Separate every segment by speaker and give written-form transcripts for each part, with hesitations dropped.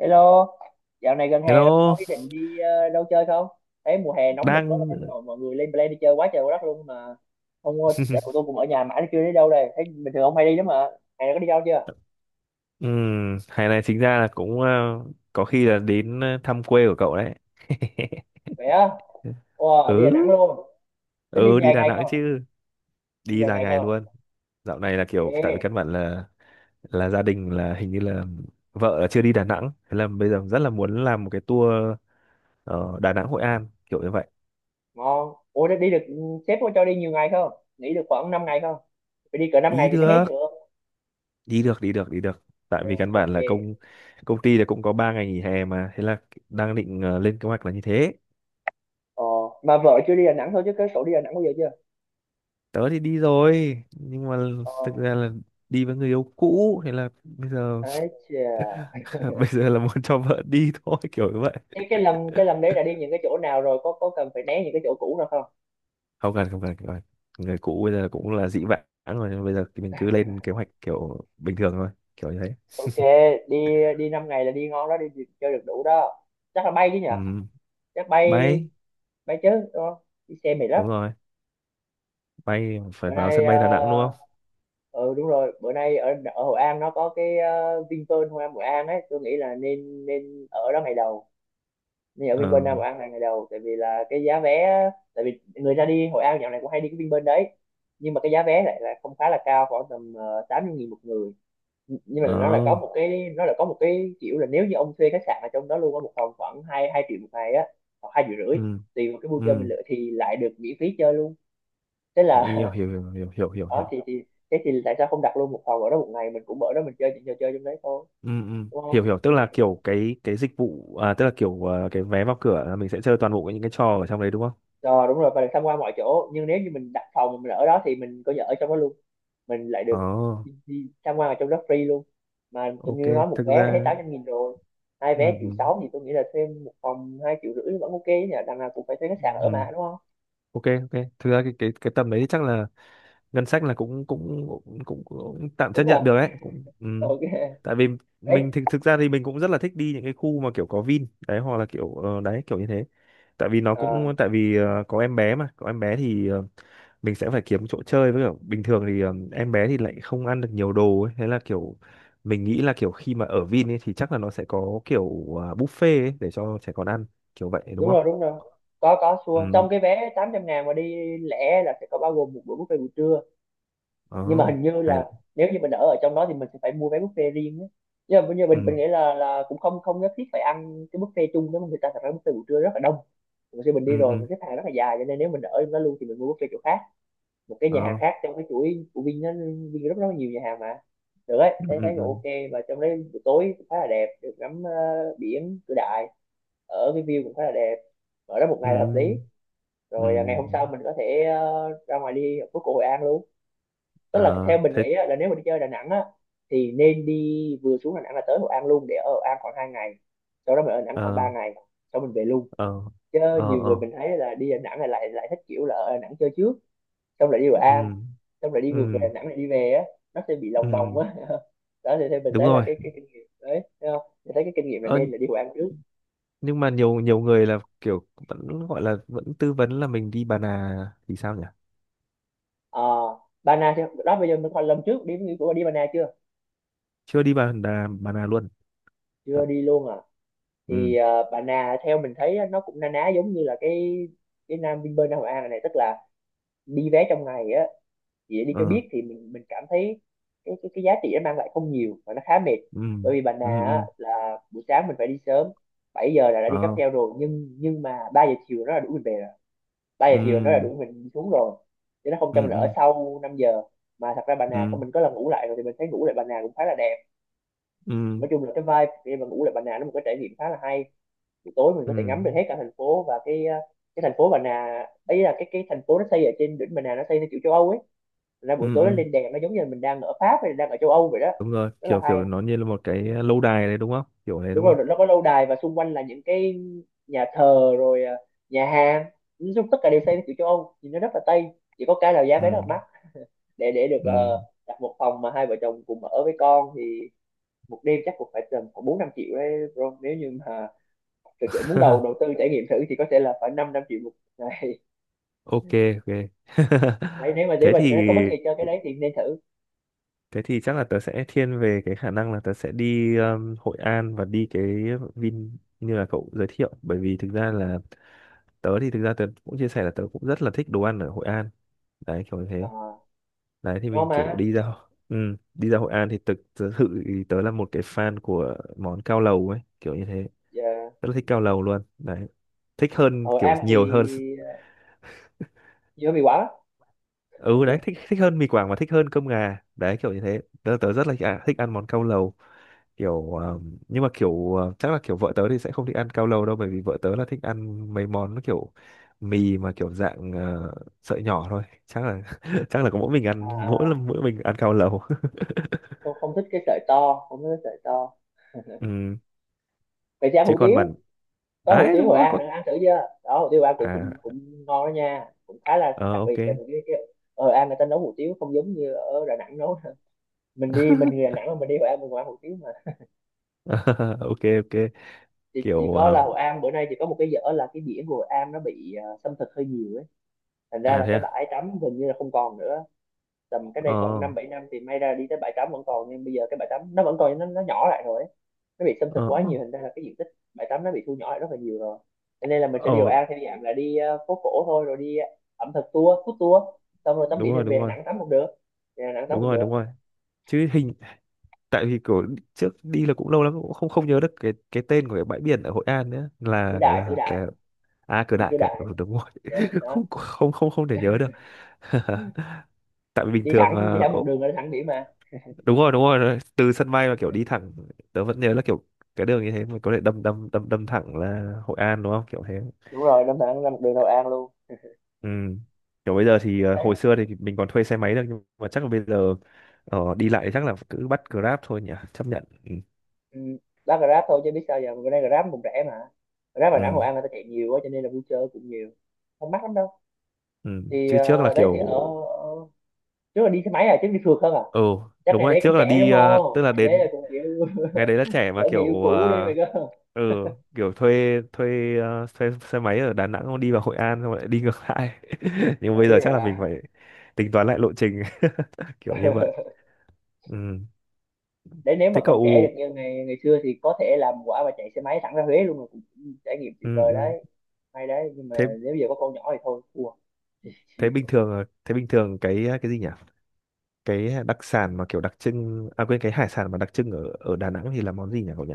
Speaker 1: Hello, dạo này gần hè rồi, có
Speaker 2: Hello,
Speaker 1: ý định đi đâu chơi không? Thấy mùa hè nóng nực quá,
Speaker 2: đang
Speaker 1: thấy mọi người lên plan đi chơi quá trời quá đất luôn mà. Ông ơi, dạ của tôi cũng ở nhà mãi nó chưa đi đâu đây. Thấy bình thường ông hay đi lắm mà. Hè này có đi đâu chưa?
Speaker 2: ừ, hè này chính ra là cũng có khi là đến thăm quê của cậu đấy.
Speaker 1: Vậy á, wow, đi Đà Nẵng
Speaker 2: Ừ,
Speaker 1: luôn. Tính đi
Speaker 2: ừ đi
Speaker 1: vài
Speaker 2: Đà
Speaker 1: ngày
Speaker 2: Nẵng
Speaker 1: không?
Speaker 2: chứ,
Speaker 1: Đi
Speaker 2: đi
Speaker 1: vài
Speaker 2: dài
Speaker 1: ngày
Speaker 2: ngày
Speaker 1: không?
Speaker 2: luôn. Dạo này là kiểu
Speaker 1: Ghê,
Speaker 2: tại vì căn bản là gia đình là hình như là vợ là chưa đi Đà Nẵng, thế là bây giờ rất là muốn làm một cái tour Đà Nẵng Hội An kiểu như vậy.
Speaker 1: ngon. Ủa, đi đi được, sếp có cho đi nhiều ngày không? Nghỉ được khoảng 5 ngày không? Phải đi cỡ 5
Speaker 2: Đi
Speaker 1: ngày thì mới hết
Speaker 2: được,
Speaker 1: được.
Speaker 2: đi được, đi được, đi được. Tại
Speaker 1: Dạ,
Speaker 2: vì căn bản
Speaker 1: ok.
Speaker 2: là công công ty là cũng có 3 ngày nghỉ hè mà, thế là đang định lên kế hoạch là như thế.
Speaker 1: Ờ, mà vợ chưa đi Đà Nẵng thôi chứ cái cậu đi Đà Nẵng bao giờ chưa?
Speaker 2: Tớ thì đi rồi nhưng mà
Speaker 1: Ờ,
Speaker 2: thực ra là đi với người yêu cũ thế là bây giờ
Speaker 1: ấy chà.
Speaker 2: bây giờ là muốn cho vợ đi thôi kiểu như vậy.
Speaker 1: Thế cái lầm đấy đã đi những cái chỗ nào rồi, có cần phải né những cái chỗ cũ nào không?
Speaker 2: Không cần, không cần, không cần. Người cũ bây giờ cũng là dĩ vãng rồi nhưng bây giờ thì mình cứ lên kế hoạch kiểu bình thường thôi kiểu như thế.
Speaker 1: Ok. đi Đi 5 ngày là đi ngon đó, đi đi chơi được đủ đó. Chắc là bay chứ nhỉ.
Speaker 2: Ừ.
Speaker 1: Chắc bay.
Speaker 2: Bay.
Speaker 1: Bay chứ đúng không? Đi xe mệt lắm.
Speaker 2: Đúng rồi, bay phải
Speaker 1: Bữa
Speaker 2: vào
Speaker 1: nay
Speaker 2: sân bay Đà Nẵng đúng không?
Speaker 1: ừ đúng rồi, bữa nay ở ở Hội An nó có cái Vinpearl Hội An, ấy, tôi nghĩ là nên nên ở đó ngày đầu. Nên ở
Speaker 2: Ờ.
Speaker 1: Vinpearl Nam Hội An là ngày đầu, tại vì là cái giá vé... Tại vì người ta đi Hội An dạo này cũng hay đi cái Vinpearl đấy, nhưng mà cái giá vé lại là không, khá là cao, khoảng tầm 80.000 một người. Nhưng mà
Speaker 2: Ờ.
Speaker 1: nó là có một cái kiểu là, nếu như ông thuê khách sạn ở trong đó luôn, có một phòng khoảng hai hai triệu một ngày á, hoặc 2,5 triệu,
Speaker 2: Ừ.
Speaker 1: tùy vào cái vui
Speaker 2: Ừ.
Speaker 1: chơi mình lựa thì lại được miễn phí chơi luôn. Thế là
Speaker 2: Hiểu, hiểu, hiểu, hiểu, hiểu, hiểu,
Speaker 1: đó
Speaker 2: hiểu.
Speaker 1: thì thế thì tại sao không đặt luôn một phòng ở đó, một ngày mình cũng ở đó, mình chơi những trò chơi trong đấy thôi,
Speaker 2: Ừ. Ừ.
Speaker 1: đúng không?
Speaker 2: Hiểu, hiểu, tức là kiểu cái dịch vụ à, tức là kiểu à, cái vé vào cửa là mình sẽ chơi toàn bộ những cái trò ở trong đấy đúng không?
Speaker 1: Rồi, đúng rồi, và được tham quan mọi chỗ, nhưng nếu như mình đặt phòng mình ở đó thì mình coi như ở trong đó luôn, mình lại
Speaker 2: Ờ,
Speaker 1: được đi tham quan ở trong đó free luôn. Mà tôi như
Speaker 2: ok,
Speaker 1: nói, một
Speaker 2: thực
Speaker 1: vé là hết
Speaker 2: ra
Speaker 1: 800.000 rồi. Hai
Speaker 2: ừ,
Speaker 1: vé triệu
Speaker 2: ừ,
Speaker 1: sáu thì tôi nghĩ là thêm một phòng 2,5 triệu vẫn ok nhỉ, đằng nào cũng phải thuê khách sạn
Speaker 2: ừ,
Speaker 1: ở mà đúng không?
Speaker 2: ok, ok, thực ra cái tầm đấy chắc là ngân sách là cũng cũng cũng tạm chấp
Speaker 1: Đúng rồi,
Speaker 2: nhận được đấy, cũng ừ.
Speaker 1: ok.
Speaker 2: Tại vì
Speaker 1: Đấy.
Speaker 2: mình thực thực ra thì mình cũng rất là thích đi những cái khu mà kiểu có Vin đấy hoặc là kiểu đấy kiểu như thế. Tại vì nó
Speaker 1: Ờ,
Speaker 2: cũng tại vì có em bé mà, có em bé thì mình sẽ phải kiếm chỗ chơi với kiểu bình thường thì em bé thì lại không ăn được nhiều đồ ấy thế là kiểu mình nghĩ là kiểu khi mà ở Vin ấy thì chắc là nó sẽ có kiểu à, buffet ấy để cho trẻ con ăn kiểu vậy đúng
Speaker 1: đúng
Speaker 2: không?
Speaker 1: rồi, có, xua
Speaker 2: Ừ.
Speaker 1: trong cái vé 800.000 mà đi lẻ là sẽ có bao gồm một bữa buffet buổi trưa.
Speaker 2: Ờ.
Speaker 1: Nhưng mà hình như
Speaker 2: Hay đấy.
Speaker 1: là nếu như mình ở ở trong đó thì mình sẽ phải mua vé buffet riêng á. Nhưng mà mình
Speaker 2: Ừ.
Speaker 1: mình nghĩ là cũng không không nhất thiết phải ăn cái buffet chung đó. Mà người ta thật ra buffet buổi trưa rất là đông, mình khi mình đi
Speaker 2: Ừ.
Speaker 1: rồi
Speaker 2: Ừ.
Speaker 1: mình xếp hàng rất là dài, cho nên nếu mình ở trong đó luôn thì mình mua buffet chỗ khác, một cái nhà hàng
Speaker 2: Ờ.
Speaker 1: khác trong cái chuỗi của Vin nó... Vin rất rất là nhiều nhà hàng mà. Được đấy,
Speaker 2: Ừ.
Speaker 1: thấy
Speaker 2: Ừ.
Speaker 1: thấy
Speaker 2: Ừ.
Speaker 1: cũng ok. Và trong đấy buổi tối cũng khá là đẹp, được ngắm biển Cửa Đại, ở cái view cũng khá là đẹp, ở đó một ngày là hợp lý.
Speaker 2: Ừ. Ừ.
Speaker 1: Rồi ngày hôm sau mình có thể ra ngoài đi ở phố cổ Hội An luôn. Tức
Speaker 2: Ờ
Speaker 1: là theo mình
Speaker 2: thế.
Speaker 1: nghĩ á, là nếu mà đi chơi Đà Nẵng á, thì nên đi, vừa xuống Đà Nẵng là tới Hội An luôn, để ở Hội An khoảng 2 ngày, sau đó mình ở Đà Nẵng khoảng
Speaker 2: Ờ.
Speaker 1: 3 ngày, sau mình về luôn.
Speaker 2: Ờ.
Speaker 1: Chứ
Speaker 2: Ờ.
Speaker 1: nhiều người
Speaker 2: Ờ.
Speaker 1: mình thấy là đi Đà Nẵng là lại lại thích kiểu là ở Đà Nẵng chơi trước, xong lại đi Hội
Speaker 2: Ừ.
Speaker 1: An, xong lại đi ngược về
Speaker 2: Ừ.
Speaker 1: Đà Nẵng, lại đi về á, nó sẽ bị
Speaker 2: Ừ.
Speaker 1: lòng vòng á. Đó thì theo mình
Speaker 2: Đúng
Speaker 1: thấy là
Speaker 2: rồi.
Speaker 1: cái kinh nghiệm đấy, thấy không, mình thấy cái kinh nghiệm là
Speaker 2: Ờ,
Speaker 1: nên là đi Hội An trước.
Speaker 2: nhưng mà nhiều nhiều người là kiểu vẫn gọi là vẫn tư vấn là mình đi Bà Nà thì sao nhỉ?
Speaker 1: À, Ba Na chứ đó, bây giờ mình còn, lần trước đi, đi của đi Ba Na chưa?
Speaker 2: Chưa đi bà đà bà nào luôn. Thật.
Speaker 1: Chưa đi luôn à?
Speaker 2: Ừ.
Speaker 1: Thì Bà Na theo mình thấy á, nó cũng na ná giống như là cái Nam Vinpearl Nam Hội An này, tức là đi vé trong ngày á, chỉ để đi cho
Speaker 2: Ờ.
Speaker 1: biết thì mình cảm thấy cái giá trị nó mang lại không nhiều và nó khá mệt.
Speaker 2: Ừ.
Speaker 1: Bởi vì Bà Na
Speaker 2: Ừ.
Speaker 1: á,
Speaker 2: Ừ.
Speaker 1: là buổi sáng mình phải đi sớm, 7 giờ là đã đi cáp
Speaker 2: Ờ.
Speaker 1: treo rồi, nhưng mà 3 giờ chiều nó là đuổi mình về rồi, ba giờ
Speaker 2: Ừ.
Speaker 1: chiều nó là đuổi mình xuống rồi, chứ nó không
Speaker 2: Ừ.
Speaker 1: cho mình ở
Speaker 2: Ừ.
Speaker 1: sau 5 giờ. Mà thật ra Bà
Speaker 2: Ừ.
Speaker 1: Nà mình có lần ngủ lại rồi, thì mình thấy ngủ lại Bà Nà cũng khá là đẹp.
Speaker 2: Ừ.
Speaker 1: Nói chung là cái vibe khi mà ngủ lại Bà Nà, nó một cái trải nghiệm khá là hay, buổi tối mình
Speaker 2: Ừ.
Speaker 1: có thể ngắm được hết cả thành phố và cái thành phố Bà Nà ấy, là cái thành phố nó xây ở trên đỉnh Bà Nà, nó xây theo kiểu châu Âu ấy. Thành ra
Speaker 2: Ừ.
Speaker 1: buổi tối nó
Speaker 2: Ừ.
Speaker 1: lên đèn, nó giống như là mình đang ở Pháp hay là đang ở châu Âu vậy đó,
Speaker 2: Đúng rồi,
Speaker 1: rất là
Speaker 2: kiểu
Speaker 1: hay.
Speaker 2: kiểu nó như là một cái lâu đài đấy đúng không, kiểu đấy
Speaker 1: Đúng
Speaker 2: đúng không?
Speaker 1: rồi, nó có lâu đài và xung quanh là những cái nhà thờ, rồi nhà hàng, nói chung tất cả đều xây theo kiểu châu Âu, nhìn nó rất là Tây. Chỉ có cái là giá
Speaker 2: Ừ.
Speaker 1: vé rất là mắc, để được
Speaker 2: Ừ.
Speaker 1: đặt một phòng mà hai vợ chồng cùng ở với con thì một đêm chắc cũng phải tầm khoảng 4-5 triệu đấy bro, nếu như mà thực sự muốn đầu đầu tư trải nghiệm thử thì có thể là phải năm năm triệu một ngày.
Speaker 2: Ok, ok.
Speaker 1: Đấy nếu mà để
Speaker 2: Thế
Speaker 1: mà
Speaker 2: thì
Speaker 1: có bất kỳ cho cái đấy thì nên thử.
Speaker 2: thế thì chắc là tớ sẽ thiên về cái khả năng là tớ sẽ đi Hội An và đi cái Vin như là cậu giới thiệu bởi vì thực ra là tớ thì thực ra tớ cũng chia sẻ là tớ cũng rất là thích đồ ăn ở Hội An đấy kiểu như
Speaker 1: Ờ,
Speaker 2: thế. Đấy thì
Speaker 1: ngon
Speaker 2: mình
Speaker 1: mà.
Speaker 2: kiểu đi ra ừ, đi ra Hội An thì thực thực sự thì tớ là một cái fan của món cao lầu ấy kiểu như thế,
Speaker 1: Dạ.
Speaker 2: rất là thích cao lầu luôn đấy, thích hơn
Speaker 1: Ở
Speaker 2: kiểu
Speaker 1: em
Speaker 2: nhiều
Speaker 1: thì
Speaker 2: hơn.
Speaker 1: dưa bị quả.
Speaker 2: Ừ đấy, thích thích hơn mì Quảng và thích hơn cơm gà đấy kiểu như thế, tớ, tớ rất là à, thích ăn món cao lầu kiểu nhưng mà kiểu chắc là kiểu vợ tớ thì sẽ không thích ăn cao lầu đâu bởi vì vợ tớ là thích ăn mấy món nó kiểu mì mà kiểu dạng sợi nhỏ thôi chắc là chắc là có mỗi mình ăn, mỗi
Speaker 1: À,
Speaker 2: lần mỗi mình ăn cao lầu.
Speaker 1: không không thích cái sợi to, không thích cái sợi to.
Speaker 2: Ừ.
Speaker 1: Vậy thì ăn
Speaker 2: Chứ
Speaker 1: hủ
Speaker 2: còn
Speaker 1: tiếu,
Speaker 2: bản
Speaker 1: có hủ
Speaker 2: đấy
Speaker 1: tiếu
Speaker 2: đúng
Speaker 1: Hội
Speaker 2: rồi
Speaker 1: An
Speaker 2: có
Speaker 1: nữa, ăn thử chưa đó? Hủ tiếu Hội An cũng cũng
Speaker 2: à.
Speaker 1: cũng ngon đó nha, cũng khá là
Speaker 2: Ờ,
Speaker 1: đặc
Speaker 2: ok.
Speaker 1: biệt, tại vì cái... ở Hội An người ta nấu hủ tiếu không giống như ở Đà Nẵng nấu. Mình đi, mình người Đà Nẵng mà mình đi Hội An mình cũng ăn hủ tiếu mà.
Speaker 2: Ok, ok
Speaker 1: Chỉ
Speaker 2: kiểu
Speaker 1: có là Hội An bữa nay chỉ có một cái dở, là cái biển của Hội An nó bị xâm thực hơi nhiều ấy, thành ra
Speaker 2: à
Speaker 1: là
Speaker 2: thế
Speaker 1: cái
Speaker 2: à.
Speaker 1: bãi tắm gần như là không còn nữa. Tầm cái đây khoảng
Speaker 2: Ờ.
Speaker 1: 5-7 năm thì may ra đi tới bãi tắm vẫn còn, nhưng bây giờ cái bãi tắm nó vẫn còn nhưng nó nhỏ lại rồi ấy. Nó bị xâm thực
Speaker 2: Ờ.
Speaker 1: quá
Speaker 2: Ờ.
Speaker 1: nhiều hình ra là cái diện tích bãi tắm nó bị thu nhỏ lại rất là nhiều rồi. Cho nên là mình sẽ
Speaker 2: Ờ,
Speaker 1: điều An theo dạng là đi phố cổ thôi, rồi đi ẩm thực tour, food tour, xong rồi tắm
Speaker 2: đúng
Speaker 1: biển thì
Speaker 2: rồi, đúng
Speaker 1: về Đà
Speaker 2: rồi,
Speaker 1: Nẵng tắm cũng được. Về Đà Nẵng tắm
Speaker 2: đúng
Speaker 1: cũng
Speaker 2: rồi,
Speaker 1: được.
Speaker 2: đúng rồi chứ hình tại vì kiểu trước đi là cũng lâu lắm cũng không không nhớ được cái tên của cái bãi biển ở Hội An nữa
Speaker 1: Cửa Đại, Cửa Đại,
Speaker 2: là à Cửa
Speaker 1: đi
Speaker 2: Đại,
Speaker 1: Cửa
Speaker 2: Cửa Đại.
Speaker 1: Đại.
Speaker 2: Ừ, đúng rồi.
Speaker 1: Dạ, đó.
Speaker 2: Không, không, không, không thể nhớ được. Tại vì bình
Speaker 1: Đi
Speaker 2: thường
Speaker 1: thẳng, đi thẳng một đường là đi thẳng biển mà.
Speaker 2: đúng rồi, đúng rồi, đúng rồi. Từ sân bay mà kiểu đi thẳng, tớ vẫn nhớ là kiểu cái đường như thế mà có thể đâm đâm đâm đâm thẳng là Hội An đúng không kiểu thế.
Speaker 1: Đúng rồi, Đà thẳng ra một đường Hội An luôn.
Speaker 2: Ừ. Kiểu bây giờ thì
Speaker 1: Đấy.
Speaker 2: hồi xưa thì mình còn thuê xe máy được nhưng mà chắc là bây giờ đi lại chắc là cứ bắt Grab thôi nhỉ, chấp nhận. Ừ.
Speaker 1: Ừ. Bác Grab thôi, chứ biết sao giờ, bữa nay Grab cũng rẻ mà. Grab Đà Nẵng
Speaker 2: Ừ.
Speaker 1: Hội An người ta chạy nhiều quá cho nên là vui chơi cũng nhiều. Không mắc lắm đâu.
Speaker 2: Ừ.
Speaker 1: Thì
Speaker 2: Chứ trước là
Speaker 1: đấy thì
Speaker 2: kiểu
Speaker 1: ở, ở trước là đi xe máy à, chứ đi phượt không à?
Speaker 2: ừ
Speaker 1: Chắc
Speaker 2: đúng
Speaker 1: ngày
Speaker 2: rồi,
Speaker 1: đấy
Speaker 2: trước
Speaker 1: cũng
Speaker 2: là
Speaker 1: trẻ đúng
Speaker 2: đi tức
Speaker 1: không?
Speaker 2: là
Speaker 1: Ngày đấy là
Speaker 2: đến
Speaker 1: cũng kiểu
Speaker 2: ngày đấy là trẻ mà
Speaker 1: gỡ người yêu
Speaker 2: kiểu
Speaker 1: cũ đi mày cơ.
Speaker 2: ừ kiểu thuê thuê thuê xe máy ở Đà Nẵng xong đi vào Hội An xong lại đi ngược lại. Nhưng bây giờ
Speaker 1: Đấy
Speaker 2: chắc là mình
Speaker 1: à.
Speaker 2: phải tính toán lại lộ trình. Kiểu như vậy. Ừ.
Speaker 1: Đấy, nếu mà
Speaker 2: Thế
Speaker 1: còn trẻ
Speaker 2: cậu
Speaker 1: được như ngày ngày xưa thì có thể làm quả và chạy xe máy thẳng ra Huế luôn là cũng trải nghiệm tuyệt
Speaker 2: ừ,
Speaker 1: vời
Speaker 2: ừ.
Speaker 1: đấy. Hay đấy, nhưng mà
Speaker 2: Thế
Speaker 1: nếu giờ có con nhỏ thì thôi thua.
Speaker 2: thế bình
Speaker 1: Chịu.
Speaker 2: thường thế bình thường cái gì nhỉ? Cái đặc sản mà kiểu đặc trưng à quên cái hải sản mà đặc trưng ở ở Đà Nẵng thì là món gì nhỉ cậu nhỉ?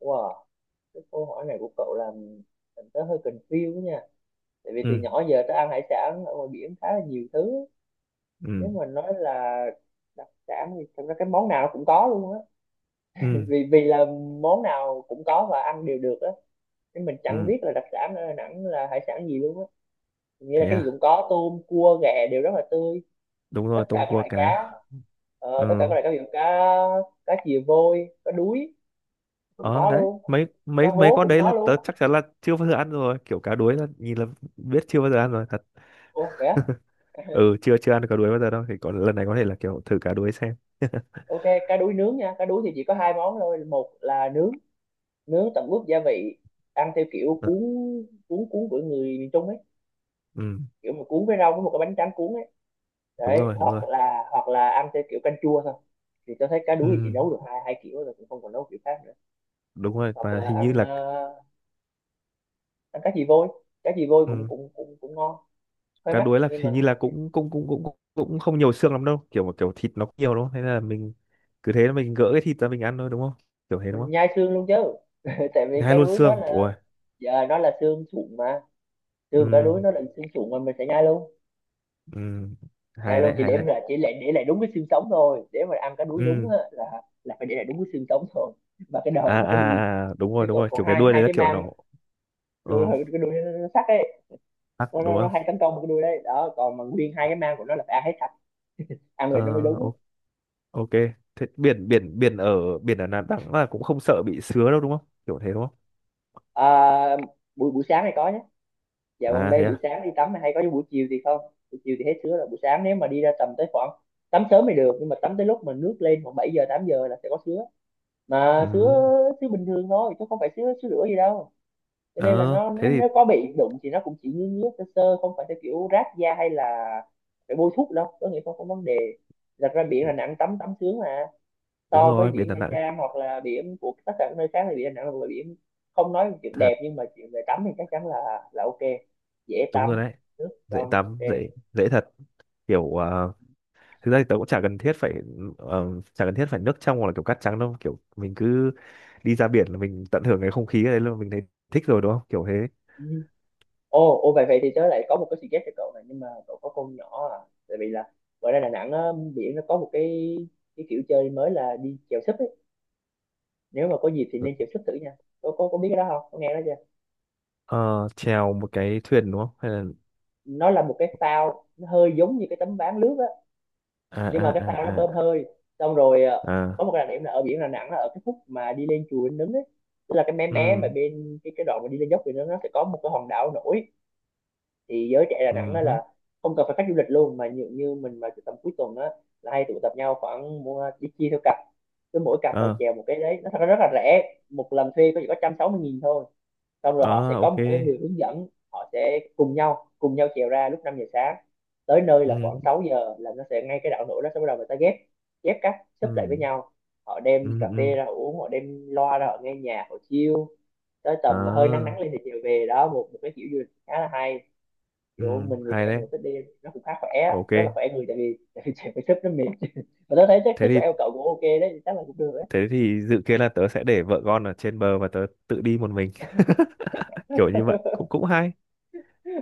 Speaker 1: Wow, cái câu hỏi này của cậu làm tớ hơi confused nha. Tại vì từ
Speaker 2: Ừ.
Speaker 1: nhỏ giờ tớ ăn hải sản ở ngoài biển khá là nhiều thứ. Nếu
Speaker 2: Ừ.
Speaker 1: mà nói là đặc sản thì thật ra cái món nào nó cũng có luôn á.
Speaker 2: Ừ.
Speaker 1: Vì vì là món nào cũng có và ăn đều được á, nên mình chẳng
Speaker 2: Ừ.
Speaker 1: biết là đặc sản ở Đà Nẵng là hải sản gì luôn á. Nghĩa là
Speaker 2: Thế
Speaker 1: cái gì
Speaker 2: à.
Speaker 1: cũng có, tôm cua ghẹ đều rất là tươi.
Speaker 2: Đúng
Speaker 1: Tất
Speaker 2: rồi
Speaker 1: cả
Speaker 2: tôm
Speaker 1: các
Speaker 2: cua
Speaker 1: loại
Speaker 2: cá.
Speaker 1: cá, tất cả các
Speaker 2: Ừ.
Speaker 1: loại cá, ví dụ cá cá chìa vôi, cá đuối cũng
Speaker 2: Ờ
Speaker 1: có
Speaker 2: đấy,
Speaker 1: luôn,
Speaker 2: mấy mấy
Speaker 1: cá
Speaker 2: mấy
Speaker 1: hố
Speaker 2: con
Speaker 1: cũng
Speaker 2: đấy
Speaker 1: có
Speaker 2: là tớ
Speaker 1: luôn.
Speaker 2: chắc chắn là chưa bao giờ ăn rồi kiểu cá đuối là nhìn là biết chưa bao giờ ăn rồi thật.
Speaker 1: Ủa vậy á?
Speaker 2: Ừ, chưa chưa ăn cá đuối bao giờ đâu thì có lần này có thể là kiểu thử cá đuối xem.
Speaker 1: Ok, cá đuối nướng nha. Cá đuối thì chỉ có hai món thôi, một là nướng, nướng tẩm ướp gia vị, ăn theo kiểu
Speaker 2: Ừ,
Speaker 1: cuốn, cuốn của người miền Trung ấy,
Speaker 2: ừ
Speaker 1: kiểu mà cuốn với rau với một cái bánh tráng cuốn ấy.
Speaker 2: đúng
Speaker 1: Đấy,
Speaker 2: rồi, đúng rồi.
Speaker 1: hoặc là ăn theo kiểu canh chua thôi. Thì tôi thấy cá đuối thì chị
Speaker 2: Ừ
Speaker 1: nấu được hai hai kiểu rồi, cũng không còn nấu kiểu khác nữa.
Speaker 2: đúng rồi
Speaker 1: Hoặc
Speaker 2: và
Speaker 1: là
Speaker 2: hình như
Speaker 1: ăn
Speaker 2: là
Speaker 1: ăn cá chì vôi, cá chì vôi cũng
Speaker 2: ừ
Speaker 1: cũng cũng cũng ngon, hơi
Speaker 2: cá
Speaker 1: mắc
Speaker 2: đuối là
Speaker 1: nhưng mà
Speaker 2: hình như là
Speaker 1: ok.
Speaker 2: cũng cũng cũng cũng cũng cũng không nhiều xương lắm đâu kiểu mà kiểu thịt nó cũng nhiều đúng không, thế là mình cứ thế là mình gỡ cái thịt ra mình ăn thôi đúng không, kiểu thế đúng
Speaker 1: Mình
Speaker 2: không?
Speaker 1: nhai xương luôn chứ. Tại vì
Speaker 2: Hai
Speaker 1: cá
Speaker 2: luôn
Speaker 1: đuối nó
Speaker 2: xương
Speaker 1: là,
Speaker 2: ôi.
Speaker 1: giờ nó là xương sụn mà, xương cá
Speaker 2: Ừ.
Speaker 1: đuối nó là xương sụn mà mình sẽ nhai luôn.
Speaker 2: Ừ.
Speaker 1: Nhai
Speaker 2: Hay
Speaker 1: luôn,
Speaker 2: đấy,
Speaker 1: chỉ
Speaker 2: hay
Speaker 1: để
Speaker 2: đấy.
Speaker 1: là chỉ để lại đúng cái xương sống thôi, để mà ăn cá đuối đúng
Speaker 2: Ừ.
Speaker 1: á, là phải để lại đúng cái xương sống thôi, và cái đầu
Speaker 2: À, à
Speaker 1: và cái đuôi.
Speaker 2: à, à, đúng rồi,
Speaker 1: Thế
Speaker 2: đúng
Speaker 1: còn
Speaker 2: rồi
Speaker 1: còn
Speaker 2: kiểu cái
Speaker 1: hai
Speaker 2: đuôi
Speaker 1: hai
Speaker 2: đấy là
Speaker 1: cái
Speaker 2: kiểu
Speaker 1: mang,
Speaker 2: nó
Speaker 1: đuôi,
Speaker 2: ờ
Speaker 1: cái đuôi nó sắc ấy.
Speaker 2: tắc
Speaker 1: nó,
Speaker 2: đúng
Speaker 1: nó, nó
Speaker 2: không?
Speaker 1: hay tấn công một cái đuôi đấy đó, còn mà nguyên hai cái mang của nó là phải ăn hết sạch, ăn
Speaker 2: Ờ.
Speaker 1: vậy nó mới đúng.
Speaker 2: Ô. Ok. Thế biển biển biển ở Đà Nẵng là cũng không sợ bị sứa đâu đúng không kiểu thế đúng không?
Speaker 1: À, buổi buổi sáng hay có nhé. Dạ gần
Speaker 2: À
Speaker 1: đây
Speaker 2: thế
Speaker 1: buổi
Speaker 2: à.
Speaker 1: sáng đi tắm hay có chứ buổi chiều thì không. Buổi chiều thì hết sứa rồi, buổi sáng nếu mà đi ra tầm tới khoảng, tắm sớm thì được, nhưng mà tắm tới lúc mà nước lên khoảng 7 giờ 8 giờ là sẽ có sứa. Mà
Speaker 2: Ừ.
Speaker 1: sứa, sứa bình thường thôi chứ không phải sứa sứa rửa gì đâu, cho nên là
Speaker 2: Ờ
Speaker 1: nó
Speaker 2: thế
Speaker 1: nếu,
Speaker 2: thì
Speaker 1: nếu có bị đụng thì nó cũng chỉ ngứa ngứa sơ sơ, không phải theo kiểu rát da hay là phải bôi thuốc đâu, có nghĩa không có vấn đề. Đặt ra biển là nặng, tắm tắm sướng mà.
Speaker 2: đúng
Speaker 1: So với
Speaker 2: rồi biển
Speaker 1: biển
Speaker 2: Đà
Speaker 1: Nha
Speaker 2: Nẵng
Speaker 1: Trang hoặc là biển của tất cả các nơi khác thì biển Đà Nẵng là biển, không nói về chuyện
Speaker 2: thật.
Speaker 1: đẹp, nhưng mà chuyện về tắm thì chắc chắn là ok dễ
Speaker 2: Đúng rồi
Speaker 1: tắm,
Speaker 2: đấy,
Speaker 1: nước
Speaker 2: dễ
Speaker 1: trong,
Speaker 2: tắm
Speaker 1: ok.
Speaker 2: dễ dễ thật kiểu thực ra thì tớ cũng chả cần thiết phải ờ, chả cần thiết phải nước trong hoặc là kiểu cát trắng đâu kiểu mình cứ đi ra biển là mình tận hưởng cái không khí ở đấy luôn mình thấy thích rồi đúng không kiểu thế.
Speaker 1: Ừ. ô ô vậy vậy thì tớ lại có một cái suggest cho cậu này, nhưng mà cậu có con nhỏ à. Tại vì là ngoài ra Đà Nẵng á, biển nó có một cái kiểu chơi mới là đi chèo súp ấy. Nếu mà có dịp thì nên chèo súp thử nha, có biết cái đó không, có nghe đó chưa?
Speaker 2: Ờ, chèo một cái thuyền đúng không hay là
Speaker 1: Nó là một cái phao, nó hơi giống như cái tấm ván lướt á,
Speaker 2: à
Speaker 1: nhưng mà
Speaker 2: à
Speaker 1: cái phao nó
Speaker 2: à
Speaker 1: bơm
Speaker 2: à?
Speaker 1: hơi. Xong rồi
Speaker 2: À.
Speaker 1: có một cái đặc điểm là ở biển Đà Nẵng là ở cái khúc mà đi lên chùa Linh Ứng ấy, tức là cái mé mé mà
Speaker 2: Ừ.
Speaker 1: bên cái đoạn mà đi lên dốc thì nó sẽ có một cái hòn đảo nổi. Thì giới trẻ Đà
Speaker 2: Ừ.
Speaker 1: Nẵng đó
Speaker 2: Hứ.
Speaker 1: là không cần phải khách du lịch luôn, mà như mình mà tầm cuối tuần đó là hay tụ tập nhau khoảng, mua đi chia theo cặp, cứ mỗi cặp là
Speaker 2: Ờ.
Speaker 1: chèo một cái. Đấy, nó thật ra rất là rẻ, một lần thuê có chỉ có 160 nghìn thôi. Xong rồi họ
Speaker 2: Ờ.
Speaker 1: sẽ có
Speaker 2: Ok.
Speaker 1: một cái người hướng dẫn, họ sẽ cùng nhau trèo ra lúc 5 giờ sáng, tới nơi là
Speaker 2: Ừ.
Speaker 1: khoảng 6 giờ là nó sẽ ngay cái đạo nổi đó sẽ bắt đầu người ta ghép, ghép các, xếp lại với
Speaker 2: Ừ.
Speaker 1: nhau. Họ
Speaker 2: Ừ.
Speaker 1: đem cà phê
Speaker 2: Ừ.
Speaker 1: ra họ uống, họ đem loa ra họ nghe nhạc, họ chill tới tầm hơi nắng
Speaker 2: À.
Speaker 1: nắng lên thì chiều về đó. Một một cái kiểu du lịch khá là hay, kiểu
Speaker 2: Ừ.
Speaker 1: mình người trẻ
Speaker 2: Hay
Speaker 1: mình
Speaker 2: đấy.
Speaker 1: cũng thích đi. Nó cũng khá khỏe,
Speaker 2: Ok.
Speaker 1: rất là khỏe người, tại vì trẻ phải sức nó mệt. Mà tôi thấy chắc
Speaker 2: Thế
Speaker 1: sức của
Speaker 2: thì
Speaker 1: em cậu cũng ok đấy, chắc là cũng được đấy.
Speaker 2: thế thì dự kiến là tớ sẽ để vợ con ở trên bờ và tớ tự đi một mình. Kiểu như vậy cũng cũng hay.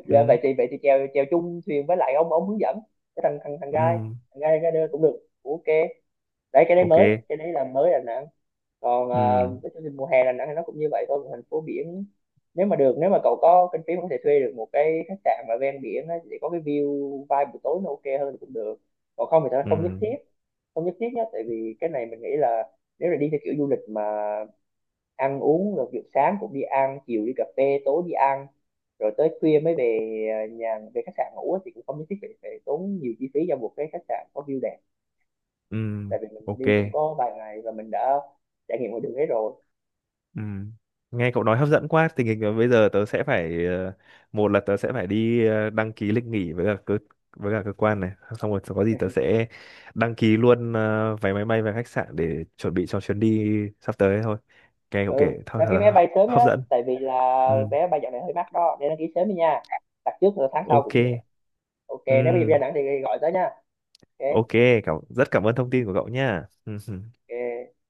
Speaker 1: Dạ
Speaker 2: Ừ.
Speaker 1: vậy thì chèo, chèo chung thuyền với lại ông hướng dẫn, cái thằng thằng thằng gai,
Speaker 2: Ừ.
Speaker 1: thằng gai rider cũng được, ok. Đấy cái đấy
Speaker 2: Ok.
Speaker 1: mới, cái đấy là mới Đà Nẵng. Còn
Speaker 2: Ừ.
Speaker 1: cái chương trình mùa hè Đà Nẵng thì nó cũng như vậy thôi, một thành phố biển. Nếu mà được, nếu mà cậu có kinh phí mà có thể thuê được một cái khách sạn mà ven biển á, để có cái view vibe buổi tối nó ok hơn thì cũng được. Còn không thì thật ra không nhất
Speaker 2: Ừ.
Speaker 1: thiết, không nhất thiết nhé. Tại vì cái này mình nghĩ là nếu là đi theo kiểu du lịch mà ăn uống rồi, kiểu sáng cũng đi ăn, chiều đi cà phê, tối đi ăn, rồi tới khuya mới về à, nhà về khách sạn ngủ á, thì cũng không nhất thiết phải tốn nhiều chi phí cho một cái khách sạn có view đẹp.
Speaker 2: Ừ.
Speaker 1: Tại vì mình
Speaker 2: Ok.
Speaker 1: đi cũng có vài ngày và mình đã trải nghiệm ngoài đường hết rồi.
Speaker 2: Ừ. Nghe cậu nói hấp dẫn quá, tình hình là bây giờ tớ sẽ phải một là tớ sẽ phải đi đăng ký lịch nghỉ với cả cơ quan này, xong rồi có gì tớ sẽ đăng ký luôn vé máy bay và khách sạn để chuẩn bị cho chuyến đi sắp tới thôi. Nghe cậu
Speaker 1: Ừ,
Speaker 2: kể thật
Speaker 1: đăng
Speaker 2: thật
Speaker 1: ký vé
Speaker 2: là
Speaker 1: bay sớm
Speaker 2: hấp
Speaker 1: nhé,
Speaker 2: dẫn.
Speaker 1: tại vì là
Speaker 2: Ừ.
Speaker 1: vé bay dạo này hơi mắc đó, nên đăng ký sớm đi nha, đặt trước là tháng sau
Speaker 2: Ok.
Speaker 1: cũng được. Ok,
Speaker 2: Ừ.
Speaker 1: nếu bây giờ đi Đà Nẵng thì gọi tới nha. Ok.
Speaker 2: Ok. Cảm rất cảm ơn thông tin của cậu nha. Ừ. Ừ.
Speaker 1: Ok.